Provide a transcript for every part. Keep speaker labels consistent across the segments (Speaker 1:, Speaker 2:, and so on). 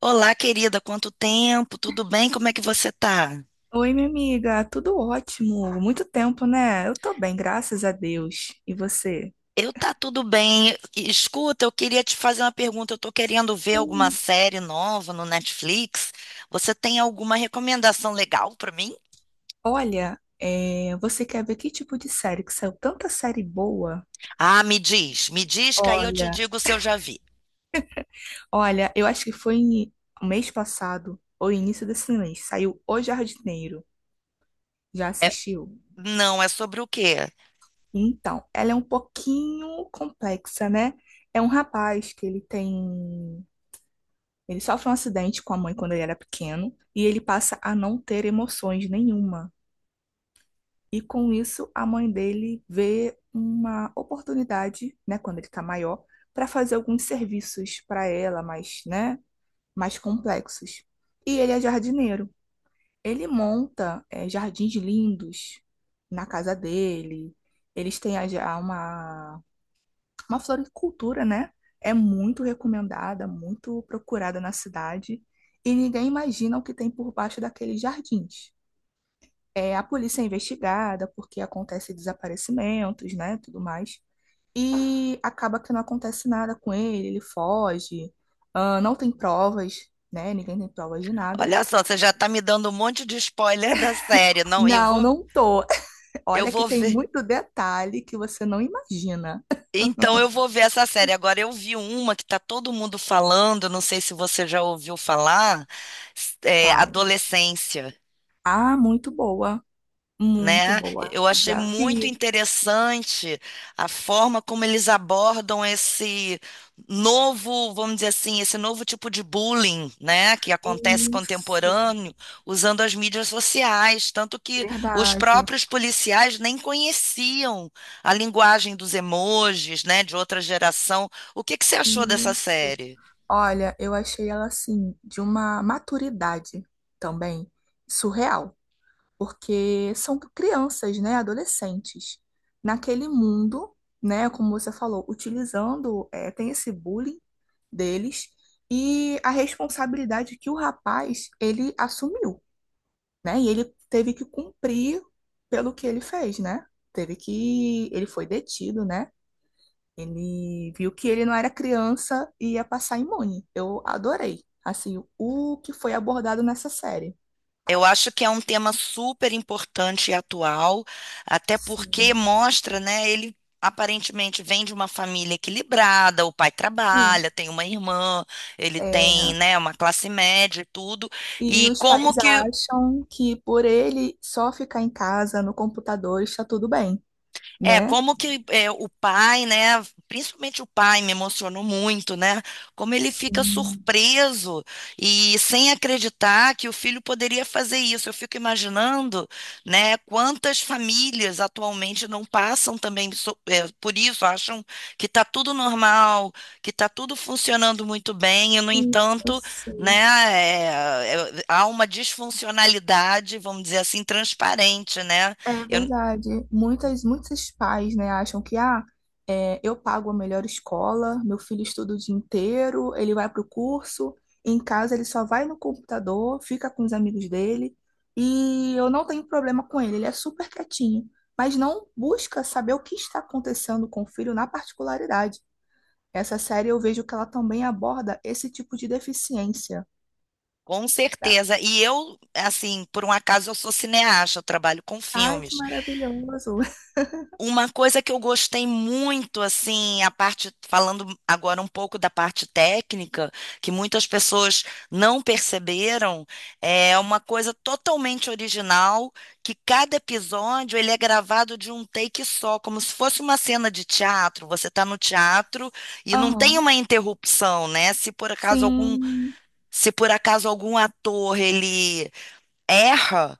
Speaker 1: Olá, querida, quanto tempo? Tudo bem? Como é que você tá?
Speaker 2: Oi, minha amiga, tudo ótimo. Muito tempo, né? Eu tô bem, graças a Deus. E você?
Speaker 1: Eu tá tudo bem. Escuta, eu queria te fazer uma pergunta. Eu tô querendo ver alguma
Speaker 2: Sim.
Speaker 1: série nova no Netflix. Você tem alguma recomendação legal pra mim?
Speaker 2: Olha, você quer ver que tipo de série? Que saiu tanta série boa.
Speaker 1: Ah, me diz que aí eu te
Speaker 2: Olha,
Speaker 1: digo se eu já vi.
Speaker 2: Olha, eu acho que mês passado, ou início desse mês, saiu O Jardineiro. Já
Speaker 1: É-
Speaker 2: assistiu?
Speaker 1: não, é sobre o quê?
Speaker 2: Então, ela é um pouquinho complexa, né? É um rapaz que ele tem. Ele sofre um acidente com a mãe quando ele era pequeno e ele passa a não ter emoções nenhuma. E com isso, a mãe dele vê uma oportunidade, né, quando ele está maior, para fazer alguns serviços para ela, mais, né, mais complexos. E ele é jardineiro. Ele monta, jardins lindos na casa dele. Eles têm uma floricultura, né? É muito recomendada, muito procurada na cidade. E ninguém imagina o que tem por baixo daqueles jardins. É, a polícia é investigada porque acontece desaparecimentos, né, tudo mais. E acaba que não acontece nada com ele, ele foge, ah, não tem provas, né? Ninguém tem provas de nada.
Speaker 1: Olha só, você já tá me dando um monte de spoiler da série. Não, eu
Speaker 2: Não,
Speaker 1: vou,
Speaker 2: não tô.
Speaker 1: eu
Speaker 2: Olha que
Speaker 1: vou
Speaker 2: tem
Speaker 1: ver.
Speaker 2: muito detalhe que você não imagina.
Speaker 1: Então eu vou ver essa série. Agora eu vi uma que tá todo mundo falando, não sei se você já ouviu falar, é
Speaker 2: Qual?
Speaker 1: Adolescência,
Speaker 2: Ah, muito boa, muito
Speaker 1: né?
Speaker 2: boa.
Speaker 1: Eu achei
Speaker 2: Já
Speaker 1: muito
Speaker 2: vi.
Speaker 1: interessante a forma como eles abordam esse novo, vamos dizer assim, esse novo tipo de bullying, né, que acontece
Speaker 2: Isso,
Speaker 1: contemporâneo, usando as mídias sociais, tanto que os
Speaker 2: verdade.
Speaker 1: próprios policiais nem conheciam a linguagem dos emojis, né, de outra geração. O que que você achou dessa
Speaker 2: Isso.
Speaker 1: série?
Speaker 2: Olha, eu achei ela assim, de uma maturidade também surreal. Porque são crianças, né, adolescentes, naquele mundo, né, como você falou, utilizando, tem esse bullying deles e a responsabilidade que o rapaz, ele assumiu, né, e ele teve que cumprir pelo que ele fez, né, teve que, ele foi detido, né, ele viu que ele não era criança e ia passar imune. Eu adorei, assim, o que foi abordado nessa série.
Speaker 1: Eu acho que é um tema super importante e atual, até porque
Speaker 2: Sim.
Speaker 1: mostra, né? Ele aparentemente vem de uma família equilibrada, o pai
Speaker 2: Hum.
Speaker 1: trabalha, tem uma irmã, ele tem, né, uma classe média e tudo,
Speaker 2: E
Speaker 1: e
Speaker 2: os
Speaker 1: como
Speaker 2: pais
Speaker 1: que
Speaker 2: acham que por ele só ficar em casa no computador está tudo bem,
Speaker 1: é,
Speaker 2: né?
Speaker 1: como que é, o pai, né? Principalmente o pai me emocionou muito, né? Como ele fica
Speaker 2: Sim,
Speaker 1: surpreso e sem acreditar que o filho poderia fazer isso. Eu fico imaginando, né? Quantas famílias atualmente não passam também por isso, acham que está tudo normal, que está tudo funcionando muito bem, e no
Speaker 2: sim, eu
Speaker 1: entanto, né?
Speaker 2: sei.
Speaker 1: Há uma disfuncionalidade, vamos dizer assim, transparente, né?
Speaker 2: É
Speaker 1: Eu,
Speaker 2: verdade. Muitas, muitos pais, né, acham que ah, é, eu pago a melhor escola, meu filho estuda o dia inteiro, ele vai para o curso, em casa ele só vai no computador, fica com os amigos dele e eu não tenho problema com ele, ele é super quietinho, mas não busca saber o que está acontecendo com o filho na particularidade. Essa série eu vejo que ela também aborda esse tipo de deficiência.
Speaker 1: Com
Speaker 2: Tá?
Speaker 1: certeza. E eu, assim, por um acaso eu sou cineasta, eu trabalho com
Speaker 2: Ai, que
Speaker 1: filmes.
Speaker 2: maravilhoso.
Speaker 1: Uma coisa que eu gostei muito, assim, a parte, falando agora um pouco da parte técnica, que muitas pessoas não perceberam, é uma coisa totalmente original, que cada episódio ele é gravado de um take só, como se fosse uma cena de teatro. Você está no teatro e não tem
Speaker 2: Aham.
Speaker 1: uma interrupção, né?
Speaker 2: Sim.
Speaker 1: Se por acaso algum ator ele erra,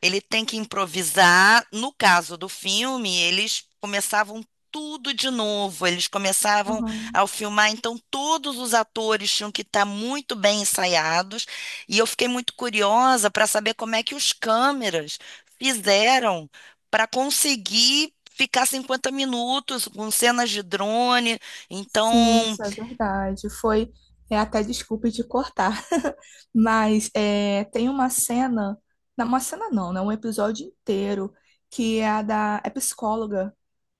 Speaker 1: ele tem que improvisar. No caso do filme, eles começavam tudo de novo, eles começavam
Speaker 2: Aham.
Speaker 1: ao filmar, então todos os atores tinham que estar muito bem ensaiados, e eu fiquei muito curiosa para saber como é que os câmeras fizeram para conseguir ficar 50 minutos com cenas de drone.
Speaker 2: Sim,
Speaker 1: Então,
Speaker 2: isso é verdade. Foi, é até desculpe de cortar, mas é, tem uma cena não, né? Um episódio inteiro que é a da é psicóloga,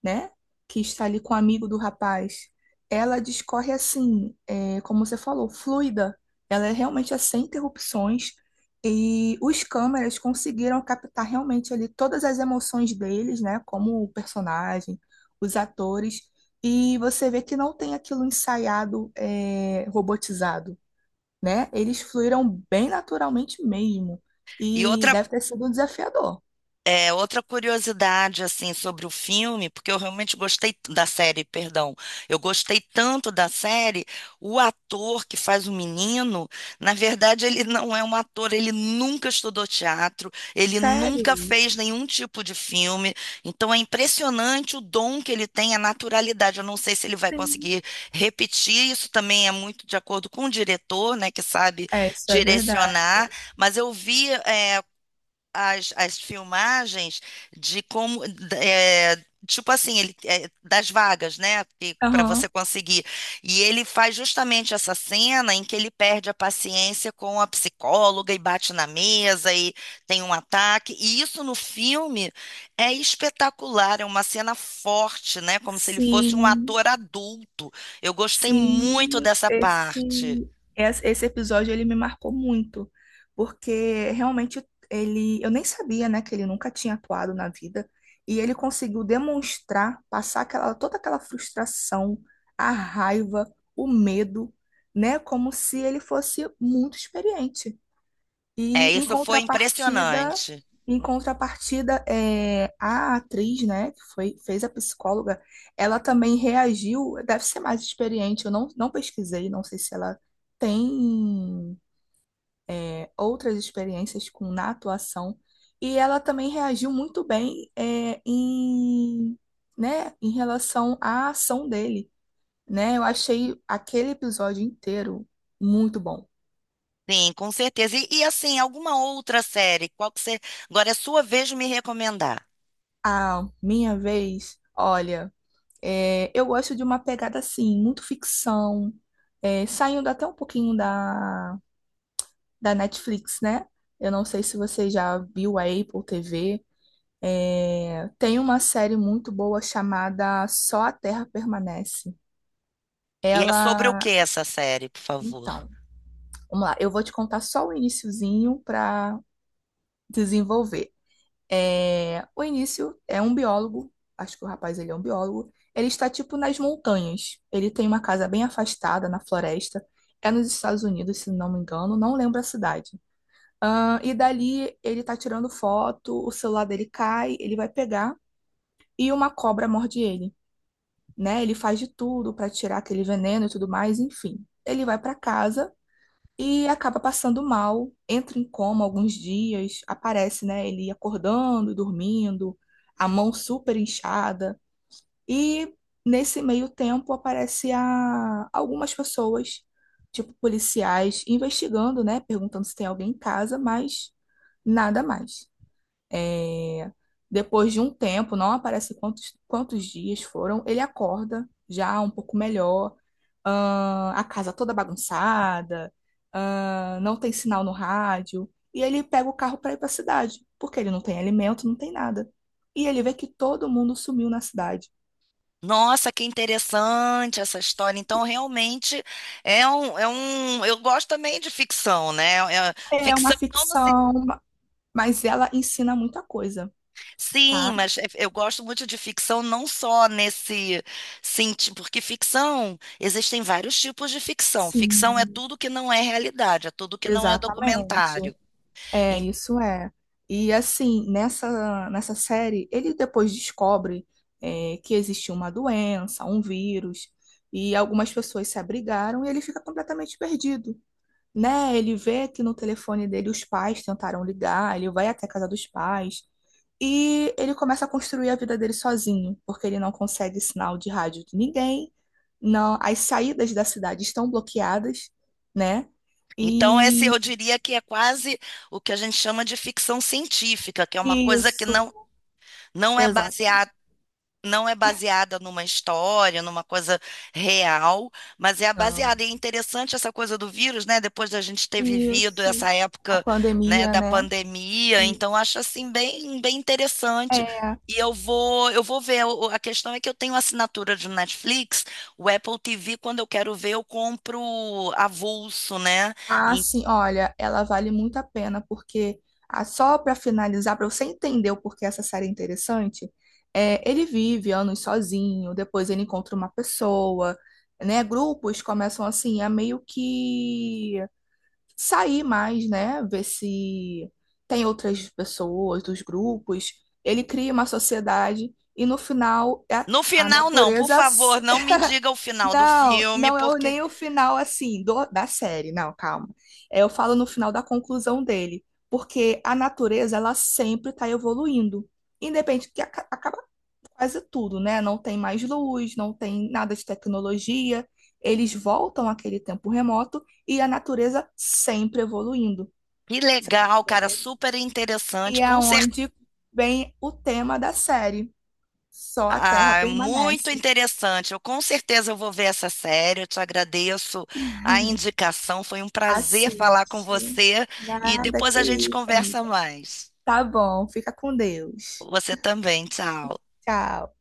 Speaker 2: né? Que está ali com o amigo do rapaz. Ela discorre assim, é, como você falou, fluida. Ela é realmente é sem interrupções e os câmeras conseguiram captar realmente ali todas as emoções deles, né? Como o personagem, os atores. E você vê que não tem aquilo ensaiado, é, robotizado, né? Eles fluíram bem naturalmente mesmo.
Speaker 1: e
Speaker 2: E
Speaker 1: outra
Speaker 2: deve ter sido desafiador.
Speaker 1: Outra curiosidade assim sobre o filme, porque eu realmente gostei da série, perdão. Eu gostei tanto da série, o ator que faz o menino, na verdade ele não é um ator, ele nunca estudou teatro, ele
Speaker 2: Sério?
Speaker 1: nunca fez nenhum tipo de filme. Então é impressionante o dom que ele tem, a naturalidade. Eu não sei se ele vai
Speaker 2: Sim.
Speaker 1: conseguir repetir, isso também é muito de acordo com o diretor, né, que sabe
Speaker 2: É, isso é verdade.
Speaker 1: direcionar, mas eu vi é, as filmagens de como é, tipo assim ele é, das vagas, né, para você
Speaker 2: Aham.
Speaker 1: conseguir, e ele faz justamente essa cena em que ele perde a paciência com a psicóloga e bate na mesa e tem um ataque, e isso no filme é espetacular, é uma cena forte, né, como se ele fosse um
Speaker 2: Sim.
Speaker 1: ator adulto. Eu gostei muito
Speaker 2: Sim,
Speaker 1: dessa
Speaker 2: esse,
Speaker 1: parte,
Speaker 2: Esse episódio ele me marcou muito, porque realmente ele, eu nem sabia, né, que ele nunca tinha atuado na vida, e ele conseguiu demonstrar, passar aquela, toda aquela frustração, a raiva, o medo, né, como se ele fosse muito experiente.
Speaker 1: é,
Speaker 2: E em
Speaker 1: isso foi
Speaker 2: contrapartida,
Speaker 1: impressionante.
Speaker 2: em contrapartida, é, a atriz, né, que foi, fez a psicóloga, ela também reagiu, deve ser mais experiente, eu não, não pesquisei, não sei se ela tem, é, outras experiências com na atuação, e ela também reagiu muito bem, é, em, né, em relação à ação dele, né? Eu achei aquele episódio inteiro muito bom.
Speaker 1: Sim, com certeza. E, assim, alguma outra série? Qual que você. Agora é sua vez de me recomendar.
Speaker 2: A minha vez, olha. É, eu gosto de uma pegada assim, muito ficção, é, saindo até um pouquinho da Netflix, né? Eu não sei se você já viu a Apple TV. É, tem uma série muito boa chamada Só a Terra Permanece.
Speaker 1: E é sobre o que
Speaker 2: Ela.
Speaker 1: essa série, por favor?
Speaker 2: Então, vamos lá, eu vou te contar só o iniciozinho para desenvolver. É, o início é um biólogo, acho que o rapaz ele é um biólogo. Ele está tipo nas montanhas. Ele tem uma casa bem afastada na floresta. É nos Estados Unidos, se não me engano, não lembro a cidade. E dali ele tá tirando foto, o celular dele cai, ele vai pegar e uma cobra morde ele, né? Ele faz de tudo para tirar aquele veneno e tudo mais, enfim. Ele vai para casa e acaba passando mal, entra em coma alguns dias, aparece, né, ele acordando e dormindo, a mão super inchada. E nesse meio tempo aparece a algumas pessoas, tipo policiais, investigando, né, perguntando se tem alguém em casa, mas nada mais. É, depois de um tempo, não aparece quantos, quantos dias foram, ele acorda já um pouco melhor, a casa toda bagunçada, não tem sinal no rádio, e ele pega o carro para ir para a cidade, porque ele não tem alimento, não tem nada. E ele vê que todo mundo sumiu na cidade.
Speaker 1: Nossa, que interessante essa história. Então, realmente é um. Eu gosto também de ficção, né?
Speaker 2: É
Speaker 1: Ficção
Speaker 2: uma
Speaker 1: não no
Speaker 2: ficção, mas ela ensina muita coisa,
Speaker 1: sim,
Speaker 2: tá?
Speaker 1: mas é, eu gosto muito de ficção não só nesse sentido, porque ficção existem vários tipos de ficção. Ficção é
Speaker 2: Sim,
Speaker 1: tudo que não é realidade, é tudo que não é
Speaker 2: exatamente.
Speaker 1: documentário.
Speaker 2: É, isso é. E assim, nessa série, ele depois descobre é, que existiu uma doença, um vírus, e algumas pessoas se abrigaram e ele fica completamente perdido, né? Ele vê que no telefone dele os pais tentaram ligar, ele vai até a casa dos pais, e ele começa a construir a vida dele sozinho, porque ele não consegue sinal de rádio de ninguém, não, as saídas da cidade estão bloqueadas, né?
Speaker 1: Então, esse
Speaker 2: E
Speaker 1: eu diria que é quase o que a gente chama de ficção científica, que é uma coisa que
Speaker 2: isso.
Speaker 1: não, não é
Speaker 2: Exato.
Speaker 1: baseada, não é baseada numa história, numa coisa real, mas é
Speaker 2: Não.
Speaker 1: baseada. E é interessante essa coisa do vírus, né? Depois da gente ter vivido
Speaker 2: Isso.
Speaker 1: essa
Speaker 2: A
Speaker 1: época, né,
Speaker 2: pandemia,
Speaker 1: da
Speaker 2: né?
Speaker 1: pandemia, então acho assim bem, bem interessante.
Speaker 2: É.
Speaker 1: E eu vou ver. O- A questão é que eu tenho assinatura de Netflix, o Apple TV, quando eu quero ver, eu compro avulso, né?
Speaker 2: Ah, sim, olha, ela vale muito a pena, porque ah, só para finalizar, para você entender o porquê essa série é interessante, é, ele vive anos sozinho, depois ele encontra uma pessoa, né? Grupos começam assim a meio que sair mais, né? Ver se tem outras pessoas dos grupos. Ele cria uma sociedade e no final é
Speaker 1: No
Speaker 2: a
Speaker 1: final, não, por
Speaker 2: natureza.
Speaker 1: favor, não me diga o final do
Speaker 2: Não,
Speaker 1: filme,
Speaker 2: não é
Speaker 1: porque
Speaker 2: nem o final assim da série, não, calma. É, eu falo no final da conclusão dele, porque a natureza ela sempre está evoluindo, independente que acaba quase tudo, né? Não tem mais luz, não tem nada de tecnologia, eles voltam àquele tempo remoto e a natureza sempre evoluindo.
Speaker 1: que
Speaker 2: Você tá
Speaker 1: legal, cara,
Speaker 2: entendendo?
Speaker 1: super
Speaker 2: E
Speaker 1: interessante,
Speaker 2: é
Speaker 1: com certeza.
Speaker 2: onde vem o tema da série. Só a Terra
Speaker 1: Ah, muito
Speaker 2: permanece.
Speaker 1: interessante. Eu com certeza eu vou ver essa série. Eu te agradeço a indicação. Foi um prazer falar com
Speaker 2: Assiste.
Speaker 1: você e
Speaker 2: Nada
Speaker 1: depois
Speaker 2: que
Speaker 1: a gente
Speaker 2: isso,
Speaker 1: conversa
Speaker 2: amiga.
Speaker 1: mais.
Speaker 2: Tá bom, fica com Deus.
Speaker 1: Você também, tchau.
Speaker 2: Tchau.